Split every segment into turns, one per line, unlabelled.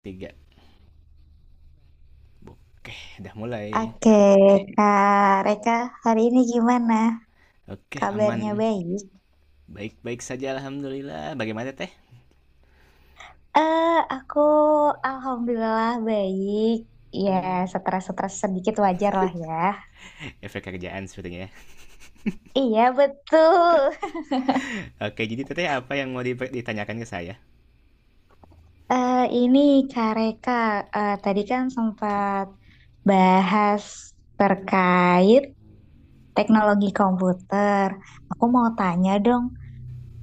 Tiga. Oke, udah mulai.
Oke, Kak Reka, hari ini gimana?
Oke, aman.
Kabarnya baik?
Baik-baik saja, alhamdulillah. Bagaimana, Teh?
Eh, aku alhamdulillah baik. Ya,
Hmm,
stres-stres sedikit wajar lah ya.
Efek kerjaan sepertinya, ya.
Iya, betul.
Oke, jadi Teteh apa yang mau ditanyakan ke saya?
Eh, ini Kak Reka, tadi kan sempat bahas terkait teknologi komputer. Aku mau tanya dong,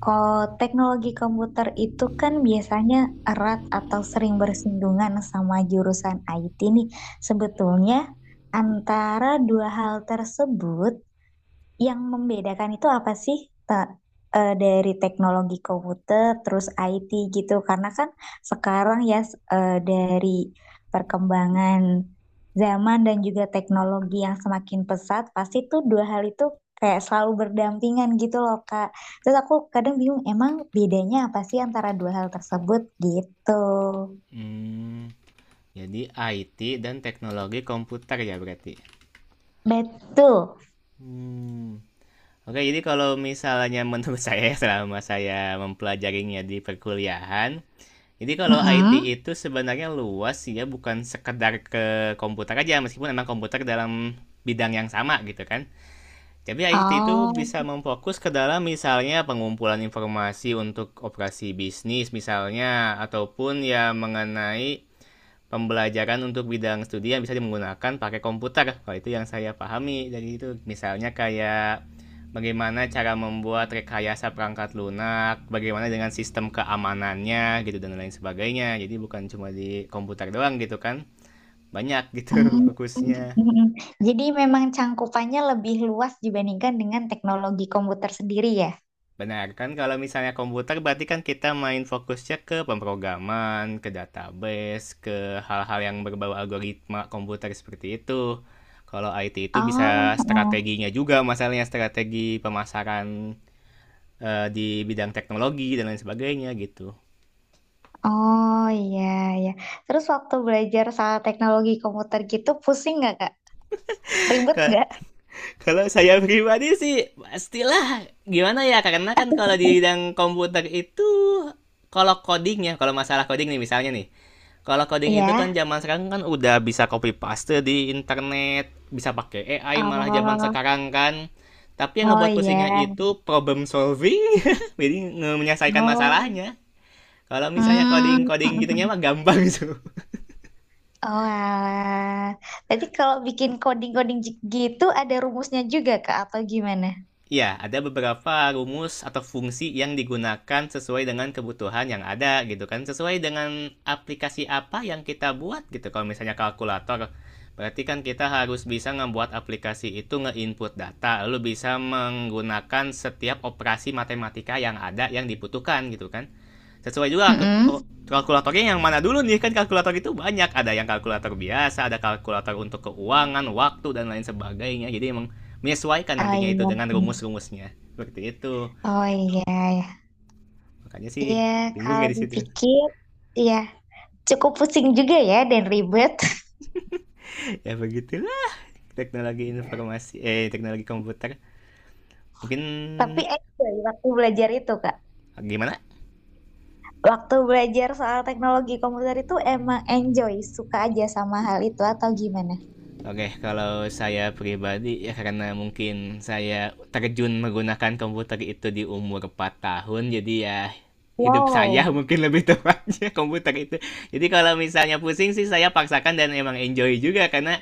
oh, teknologi komputer itu kan biasanya erat atau sering bersinggungan sama jurusan IT nih. Sebetulnya antara dua hal tersebut yang membedakan itu apa sih Ta- dari teknologi komputer terus IT gitu? Karena kan sekarang ya dari perkembangan zaman dan juga teknologi yang semakin pesat, pasti tuh dua hal itu kayak selalu berdampingan gitu loh, Kak. Terus aku kadang bingung, emang bedanya apa sih antara dua hal tersebut gitu?
hmm, jadi IT dan teknologi komputer, ya, berarti
Betul.
hmm. Oke, jadi kalau misalnya menurut saya selama saya mempelajarinya di perkuliahan, jadi kalau IT
Mm-mm.
itu sebenarnya luas ya, bukan sekedar ke komputer aja, meskipun emang komputer dalam bidang yang sama gitu kan. Jadi IT itu
Oh.
bisa memfokus ke dalam misalnya pengumpulan informasi untuk operasi bisnis misalnya, ataupun ya mengenai pembelajaran untuk bidang studi yang bisa menggunakan pakai komputer. Kalau itu yang saya pahami dari itu, misalnya kayak bagaimana cara membuat rekayasa perangkat lunak, bagaimana dengan sistem keamanannya gitu, dan lain sebagainya. Jadi bukan cuma di komputer doang gitu kan. Banyak gitu
Hmm,
fokusnya.
hmm. Jadi memang cangkupannya lebih luas dibandingkan dengan teknologi komputer sendiri ya.
Benar kan, kalau misalnya komputer berarti kan kita main fokusnya ke pemrograman, ke database, ke hal-hal yang berbau algoritma komputer seperti itu. Kalau IT itu bisa
Oh, oh,
strateginya juga, masalahnya strategi pemasaran di bidang teknologi dan lain sebagainya gitu.
oh iya ya. Terus waktu belajar soal teknologi komputer gitu pusing nggak Kak? Ribet
Ka-
nggak?
Kalau saya pribadi sih pastilah, gimana ya, karena kan kalau di bidang komputer itu kalau codingnya, kalau masalah coding nih misalnya nih. Kalau coding itu
Iya.
kan zaman sekarang kan udah bisa copy paste di internet, bisa pakai AI malah zaman
Oh,
sekarang kan. Tapi yang
oh
ngebuat
iya.
pusingnya itu problem solving, jadi menyelesaikan
Oh.
masalahnya. Kalau misalnya
Hmm.
coding-coding gitunya mah gampang gitu.
Oh, alah. Berarti kalau bikin coding-coding gitu ada rumusnya juga Kak atau gimana?
Ya, ada beberapa rumus atau fungsi yang digunakan sesuai dengan kebutuhan yang ada gitu kan. Sesuai dengan aplikasi apa yang kita buat gitu. Kalau misalnya kalkulator, berarti kan kita harus bisa membuat aplikasi itu nge-input data. Lalu bisa menggunakan setiap operasi matematika yang ada yang dibutuhkan gitu kan, sesuai juga
Mm-mm.
kalkulatornya yang mana dulu nih, kan kalkulator itu banyak, ada yang kalkulator biasa, ada kalkulator untuk keuangan, waktu, dan lain sebagainya. Jadi emang menyesuaikan
Oh
nantinya itu
iya.
dengan rumus-rumusnya seperti itu.
Oh iya, iya.
Makanya sih
Iya,
bingung ya
kalau
di situ.
dipikir, iya cukup pusing juga ya dan ribet.
Ya begitulah teknologi informasi, eh, teknologi komputer.
Tapi
Mungkin
enjoy waktu belajar itu, Kak.
gimana.
Waktu belajar soal teknologi komputer itu emang enjoy, suka aja sama hal itu atau gimana?
Oke, kalau saya pribadi ya, karena mungkin saya terjun menggunakan komputer itu di umur 4 tahun, jadi ya hidup saya
Wow.
mungkin lebih tepatnya komputer itu. Jadi kalau misalnya pusing sih saya paksakan, dan emang enjoy juga karena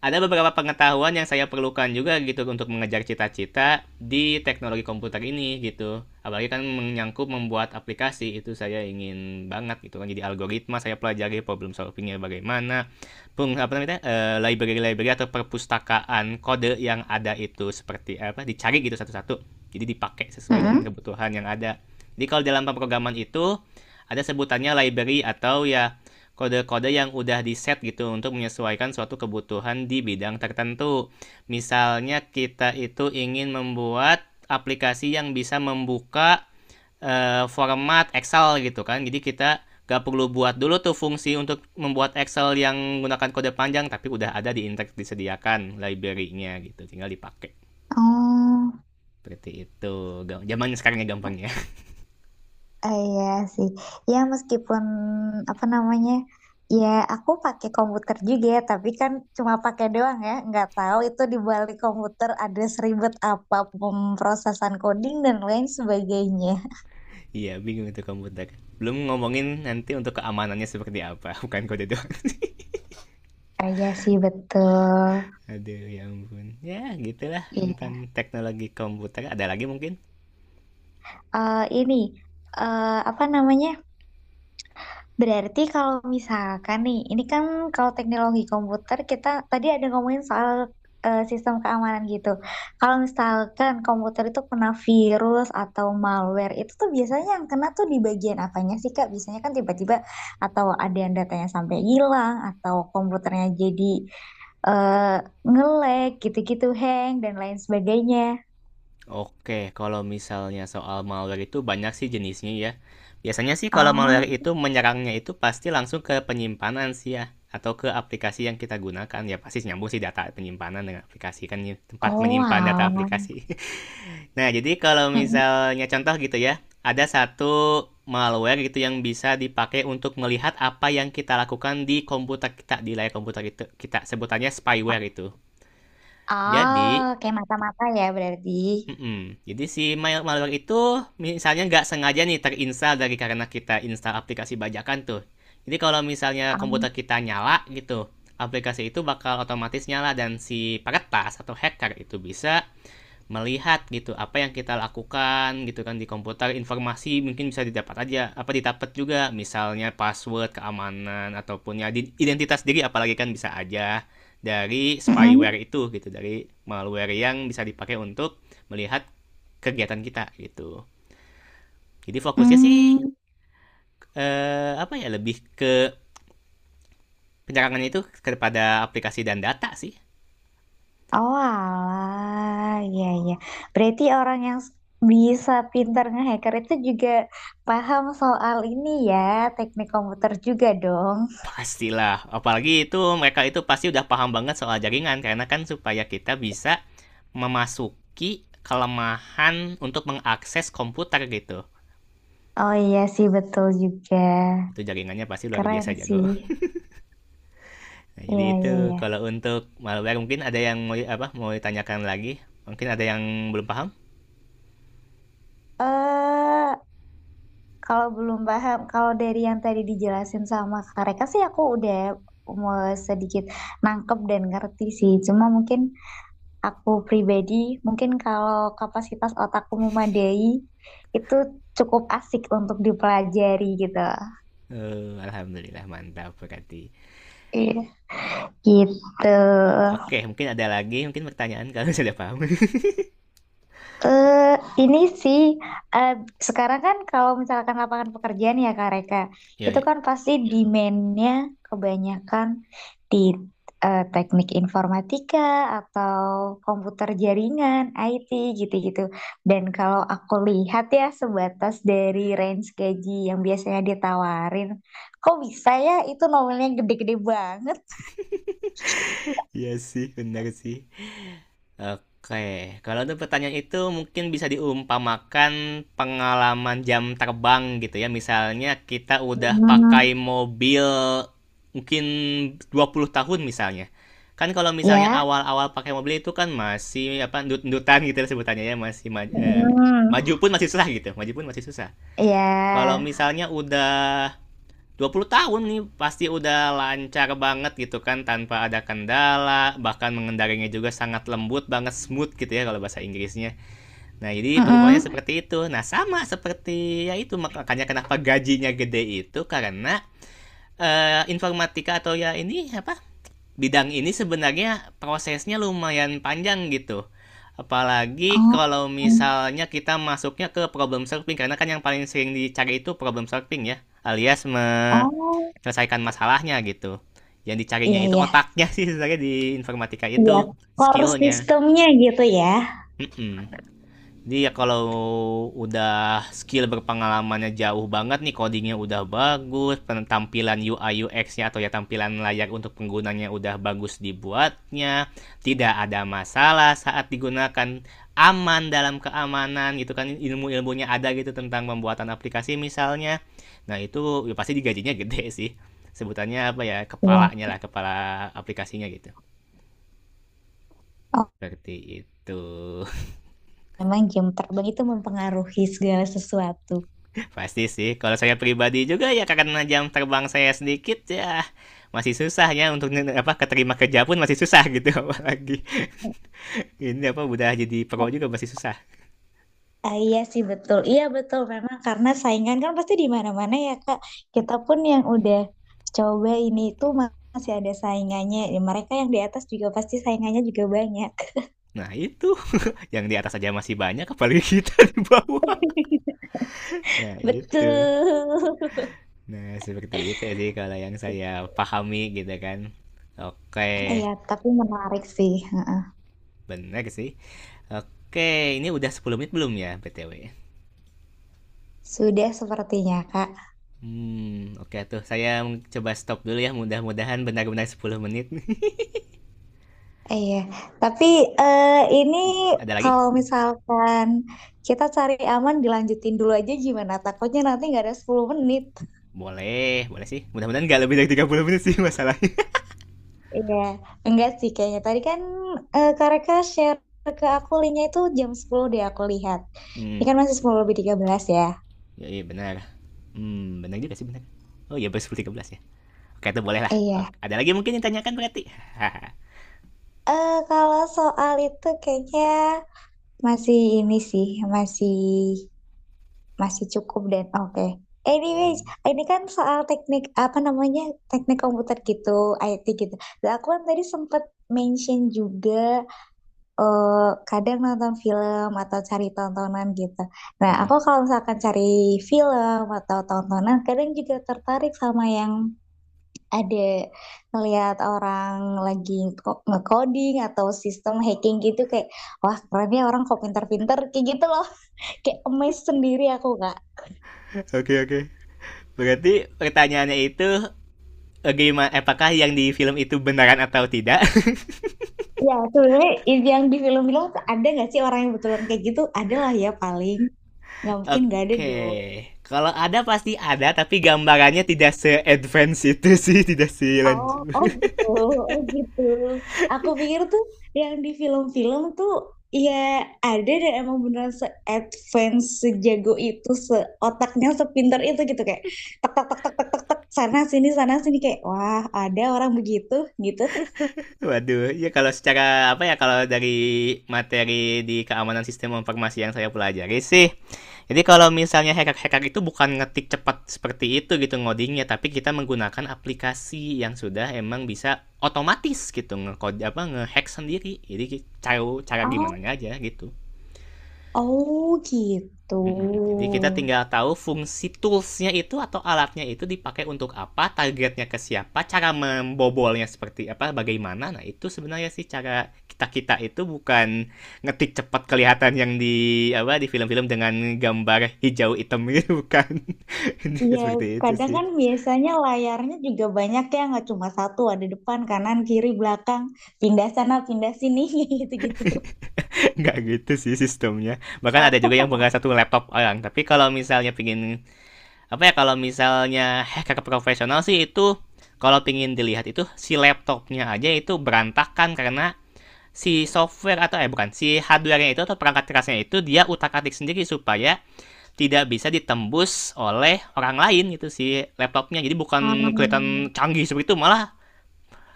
ada beberapa pengetahuan yang saya perlukan juga gitu untuk mengejar cita-cita di teknologi komputer ini gitu. Apalagi kan menyangkut membuat aplikasi itu saya ingin banget gitu kan. Jadi algoritma saya pelajari, problem solvingnya bagaimana, peng apa namanya, library-library atau perpustakaan kode yang ada itu seperti apa, dicari gitu satu-satu. Jadi dipakai sesuai dengan
Mm-mm.
kebutuhan yang ada. Jadi kalau dalam pemrograman itu ada sebutannya library atau ya kode-kode yang udah di set gitu untuk menyesuaikan suatu kebutuhan di bidang tertentu. Misalnya kita itu ingin membuat aplikasi yang bisa membuka format Excel gitu kan. Jadi kita gak perlu buat dulu tuh fungsi untuk membuat Excel yang menggunakan kode panjang, tapi udah ada di Intex, disediakan library-nya gitu, tinggal dipakai
Oh,
seperti itu. Zamannya sekarang ya gampangnya.
iya sih. Ya meskipun apa namanya, ya aku pakai komputer juga, ya, tapi kan cuma pakai doang ya. Nggak tahu itu di balik komputer ada seribet apa pemrosesan coding dan lain sebagainya.
Iya, bingung itu komputer, belum ngomongin nanti untuk keamanannya seperti apa, bukan kode doang.
Ah, iya sih betul.
Aduh ya ampun. Ya gitulah
Iya.
tentang teknologi komputer. Ada lagi mungkin?
Ini apa namanya? Berarti kalau misalkan nih, ini kan kalau teknologi komputer kita tadi ada ngomongin soal sistem keamanan gitu. Kalau misalkan komputer itu kena virus atau malware, itu tuh biasanya yang kena tuh di bagian apanya sih Kak? Biasanya kan tiba-tiba atau ada yang datanya sampai hilang atau komputernya jadi eh nge-lag gitu-gitu, hang dan lain sebagainya.
Oke, kalau misalnya soal malware itu banyak sih jenisnya ya. Biasanya sih kalau malware
Oh,
itu menyerangnya itu pasti langsung ke penyimpanan sih ya. Atau ke aplikasi yang kita gunakan. Ya pasti nyambung sih data penyimpanan dengan aplikasi kan ya, tempat
oh,
menyimpan data
alah.
aplikasi. Nah, jadi kalau
Mm-mm.
misalnya contoh gitu ya, ada satu malware gitu yang bisa dipakai untuk melihat apa yang kita lakukan di komputer kita, di layar komputer kita, kita sebutannya spyware itu.
Oh,
Jadi,
kayak mata-mata ya berarti.
mm-mm. jadi si malware itu misalnya nggak sengaja nih terinstall dari, karena kita install aplikasi bajakan tuh. Jadi kalau misalnya komputer
Um,
kita nyala gitu, aplikasi itu bakal otomatis nyala, dan si peretas atau hacker itu bisa melihat gitu apa yang kita lakukan gitu kan di komputer. Informasi mungkin bisa didapat aja, apa didapat juga misalnya password keamanan ataupun ya identitas diri, apalagi kan bisa aja dari spyware
mm-mm.
itu gitu, dari malware yang bisa dipakai untuk melihat kegiatan kita gitu. Jadi fokusnya sih,
Mm.
apa ya, lebih ke penyerangannya itu kepada aplikasi dan data sih.
Oh, alah. Iya, iya. Berarti orang yang bisa pintar ngehacker itu juga paham soal ini ya, teknik komputer juga dong.
Pastilah, apalagi itu mereka itu pasti udah paham banget soal jaringan karena kan supaya kita bisa memasuki kelemahan untuk mengakses komputer gitu.
Oh iya sih, betul juga.
Itu jaringannya pasti luar biasa
Keren
jago.
sih.
Nah, jadi
Iya,
itu
iya, iya.
kalau untuk malware, mungkin ada yang mau apa, mau ditanyakan lagi, mungkin ada yang belum paham.
Eh Kalau belum paham, kalau dari yang tadi dijelasin sama Kak Reka sih aku udah mau sedikit nangkep dan ngerti sih. Cuma mungkin aku pribadi, mungkin kalau kapasitas otakku memadai, itu cukup asik untuk dipelajari gitu.
Uh, alhamdulillah, mantap berarti.
Iya. Gitu.
Oke, mungkin ada lagi mungkin pertanyaan kalau sudah paham.
Eh, ini sih eh, sekarang kan kalau misalkan lapangan pekerjaan ya Kak Reka,
Iya,
itu
iya.
kan pasti demand-nya kebanyakan di teknik informatika atau komputer jaringan, IT gitu-gitu. Dan kalau aku lihat ya sebatas dari range gaji yang biasanya ditawarin, kok bisa ya itu nominalnya gede-gede banget?
Iya sih, benar sih. Oke, kalau untuk pertanyaan itu mungkin bisa diumpamakan pengalaman jam terbang gitu ya. Misalnya kita udah pakai
Hmm,
mobil mungkin 20 tahun misalnya. Kan kalau misalnya
ya.
awal-awal pakai mobil itu kan masih apa, ndut-ndutan gitu ya sebutannya ya, masih
Hmm,
maju pun masih susah gitu. Maju pun masih susah. Kalau
ya.
misalnya udah 20 tahun nih pasti udah lancar banget gitu kan, tanpa ada kendala, bahkan mengendarinya juga sangat lembut banget, smooth gitu ya kalau bahasa Inggrisnya. Nah jadi perumpamannya
Mm-mm.
seperti itu. Nah sama seperti ya itu, makanya kenapa gajinya gede itu karena informatika atau ya ini apa, bidang ini sebenarnya prosesnya lumayan panjang gitu. Apalagi
Oh.
kalau misalnya kita masuknya ke problem solving, karena kan yang paling sering dicari itu problem solving ya, alias
Oh,
selesaikan masalahnya gitu. Yang dicarinya
iya
itu
ya.
otaknya sih sebenarnya di informatika
Iya,
itu,
core
skillnya.
sistemnya gitu ya.
Mm-mm. Jadi ya kalau udah skill, berpengalamannya jauh banget nih, codingnya udah bagus, penampilan UI UX-nya atau ya tampilan layak untuk penggunanya udah bagus dibuatnya, tidak ada masalah saat digunakan, aman dalam keamanan gitu kan, ilmu-ilmunya ada gitu tentang pembuatan aplikasi misalnya. Nah itu ya pasti digajinya gede sih, sebutannya apa ya,
Iya.
kepalanya lah, kepala aplikasinya gitu.
Oh,
Seperti itu.
memang jam terbang itu mempengaruhi segala sesuatu.
Pasti sih, kalau saya pribadi juga ya, karena jam terbang saya sedikit ya, masih susah ya untuk apa, keterima kerja pun masih susah gitu, apalagi ini apa, udah jadi pro juga masih susah.
Ah, iya sih betul. Iya betul memang karena saingan kan pasti di mana-mana ya Kak. Kita pun yang udah coba ini itu masih ada saingannya. Ya, mereka yang di atas juga pasti saingannya juga banyak.
Nah itu, yang di atas aja masih banyak, apalagi kita di bawah. Nah itu,
Betul.
nah seperti itu ya sih kalau yang saya pahami gitu kan. Oke,
Iya, tapi menarik sih. Heeh.
benar sih. Oke, ini udah 10 menit belum ya, btw?
Sudah sepertinya Kak.
Hmm, oke tuh saya coba stop dulu ya, mudah-mudahan benar-benar 10 menit.
Iya, tapi eh, ini
Ada lagi?
kalau misalkan kita cari aman dilanjutin dulu aja gimana? Takutnya nanti nggak ada 10 menit.
Boleh, boleh sih. Mudah-mudahan nggak lebih dari 30 menit sih masalahnya.
Iya, enggak sih kayaknya. Tadi kan Kak Reka share ke aku linknya itu jam 10 deh aku lihat. Ini
hmm,
kan masih 10 lebih 13 ya.
ya, iya benar. Benar juga sih, benar. Oh iya, berarti 13 ya. Oke, itu boleh lah. Oke,
Iya.
ada lagi mungkin yang tanyakan berarti?
Kalau soal itu kayaknya masih ini sih, masih Masih cukup dan oke. Anyways, ini kan soal teknik apa namanya teknik komputer gitu, IT gitu. Nah, aku kan tadi sempet mention juga, kadang nonton film atau cari tontonan gitu. Nah,
Hmm.
aku kalau misalkan cari film atau tontonan, kadang juga tertarik sama yang ada ngelihat orang lagi nge-coding atau sistem hacking gitu kayak wah keren ya orang kok pinter-pinter kayak gitu loh, kayak amazed sendiri aku Kak.
Oke, oke. Berarti pertanyaannya itu gimana, eh, apakah yang di film itu beneran atau tidak?
Ya, sebenarnya yang di film-film tuh ada nggak sih orang yang betulan kayak gitu? Ada lah ya paling. Nggak mungkin nggak ada
Oke.
dong.
Kalau ada pasti ada, tapi gambarannya tidak se-advance itu sih, tidak se
Oh,
lanjut.
oh gitu, oh gitu. Aku pikir tuh yang di film-film tuh ya ada dan emang beneran se-advance, sejago itu, seotaknya, sepinter itu gitu kayak tek tek tek tek tek tek tek sana sini kayak wah ada orang begitu gitu.
Waduh, ya kalau secara apa ya, kalau dari materi di keamanan sistem informasi yang saya pelajari sih. Jadi kalau misalnya hacker-hacker itu bukan ngetik cepat seperti itu gitu ngodingnya, tapi kita menggunakan aplikasi yang sudah emang bisa otomatis gitu ngekode, apa ngehack sendiri. Jadi cara cara gimana
Oh,
aja gitu.
oh gitu.
Mhm, jadi kita tinggal tahu fungsi toolsnya itu atau alatnya itu dipakai untuk apa, targetnya ke siapa, cara membobolnya seperti apa, bagaimana. Nah, itu sebenarnya sih cara kita-kita itu bukan ngetik cepat kelihatan yang di apa, di film-film dengan gambar hijau hitam gitu, bukan.
Iya,
Seperti itu
kadang
sih.
kan biasanya layarnya juga banyak ya, nggak cuma satu, ada depan, kanan, kiri, belakang, pindah sana, pindah sini, kayak gitu-gitu.
Nggak gitu sih sistemnya. Bahkan ada
Oh,
juga yang pegang satu laptop orang. Tapi kalau misalnya pingin apa ya, kalau misalnya hacker profesional sih itu, kalau pingin dilihat itu si laptopnya aja itu berantakan kan, karena si software atau eh bukan, si hardware-nya itu atau perangkat kerasnya itu dia utak-atik sendiri supaya tidak bisa ditembus oleh orang lain gitu. Si laptopnya jadi bukan
hmm,
kelihatan canggih seperti itu, malah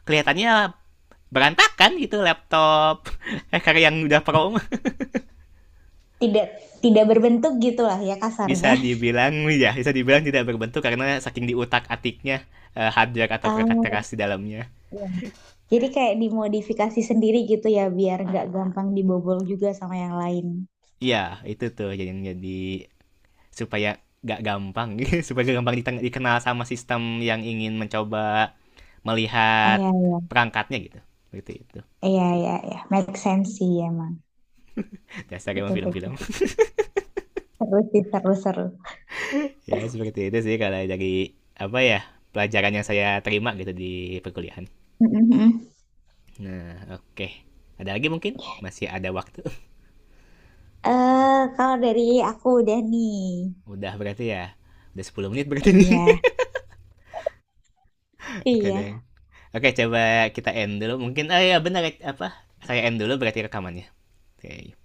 kelihatannya berantakan gitu, laptop hacker yang udah pro.
tidak, tidak berbentuk gitulah ya
Bisa
kasarnya.
dibilang, ya bisa dibilang tidak berbentuk karena saking diutak atiknya hardware atau perangkat
Oh,
keras di dalamnya.
iya. Jadi kayak dimodifikasi sendiri gitu ya, biar nggak gampang dibobol juga sama yang lain.
Iya, itu tuh jadi supaya gak gampang, supaya gak gampang dikenal sama sistem yang ingin mencoba
Ah,
melihat
iya, iya,
perangkatnya gitu. Seperti itu.
iya, iya, iya. Make sense sih emang.
Dasar emang
Betul, betul,
film-film.
betul. Seru sih, seru, seru.
Ya, seperti itu sih kalau dari apa ya, pelajaran yang saya terima gitu di perkuliahan.
Mm, mm, mm.
Nah, oke. Ada lagi mungkin? Masih ada waktu.
Eh, kalau dari aku udah nih.
Udah berarti ya. Udah 10 menit berarti
Iya,
nih. Oke,
iya.
Deng. Oke, coba kita end dulu. Mungkin oh ya, benar apa? Saya end dulu berarti rekamannya. Oke.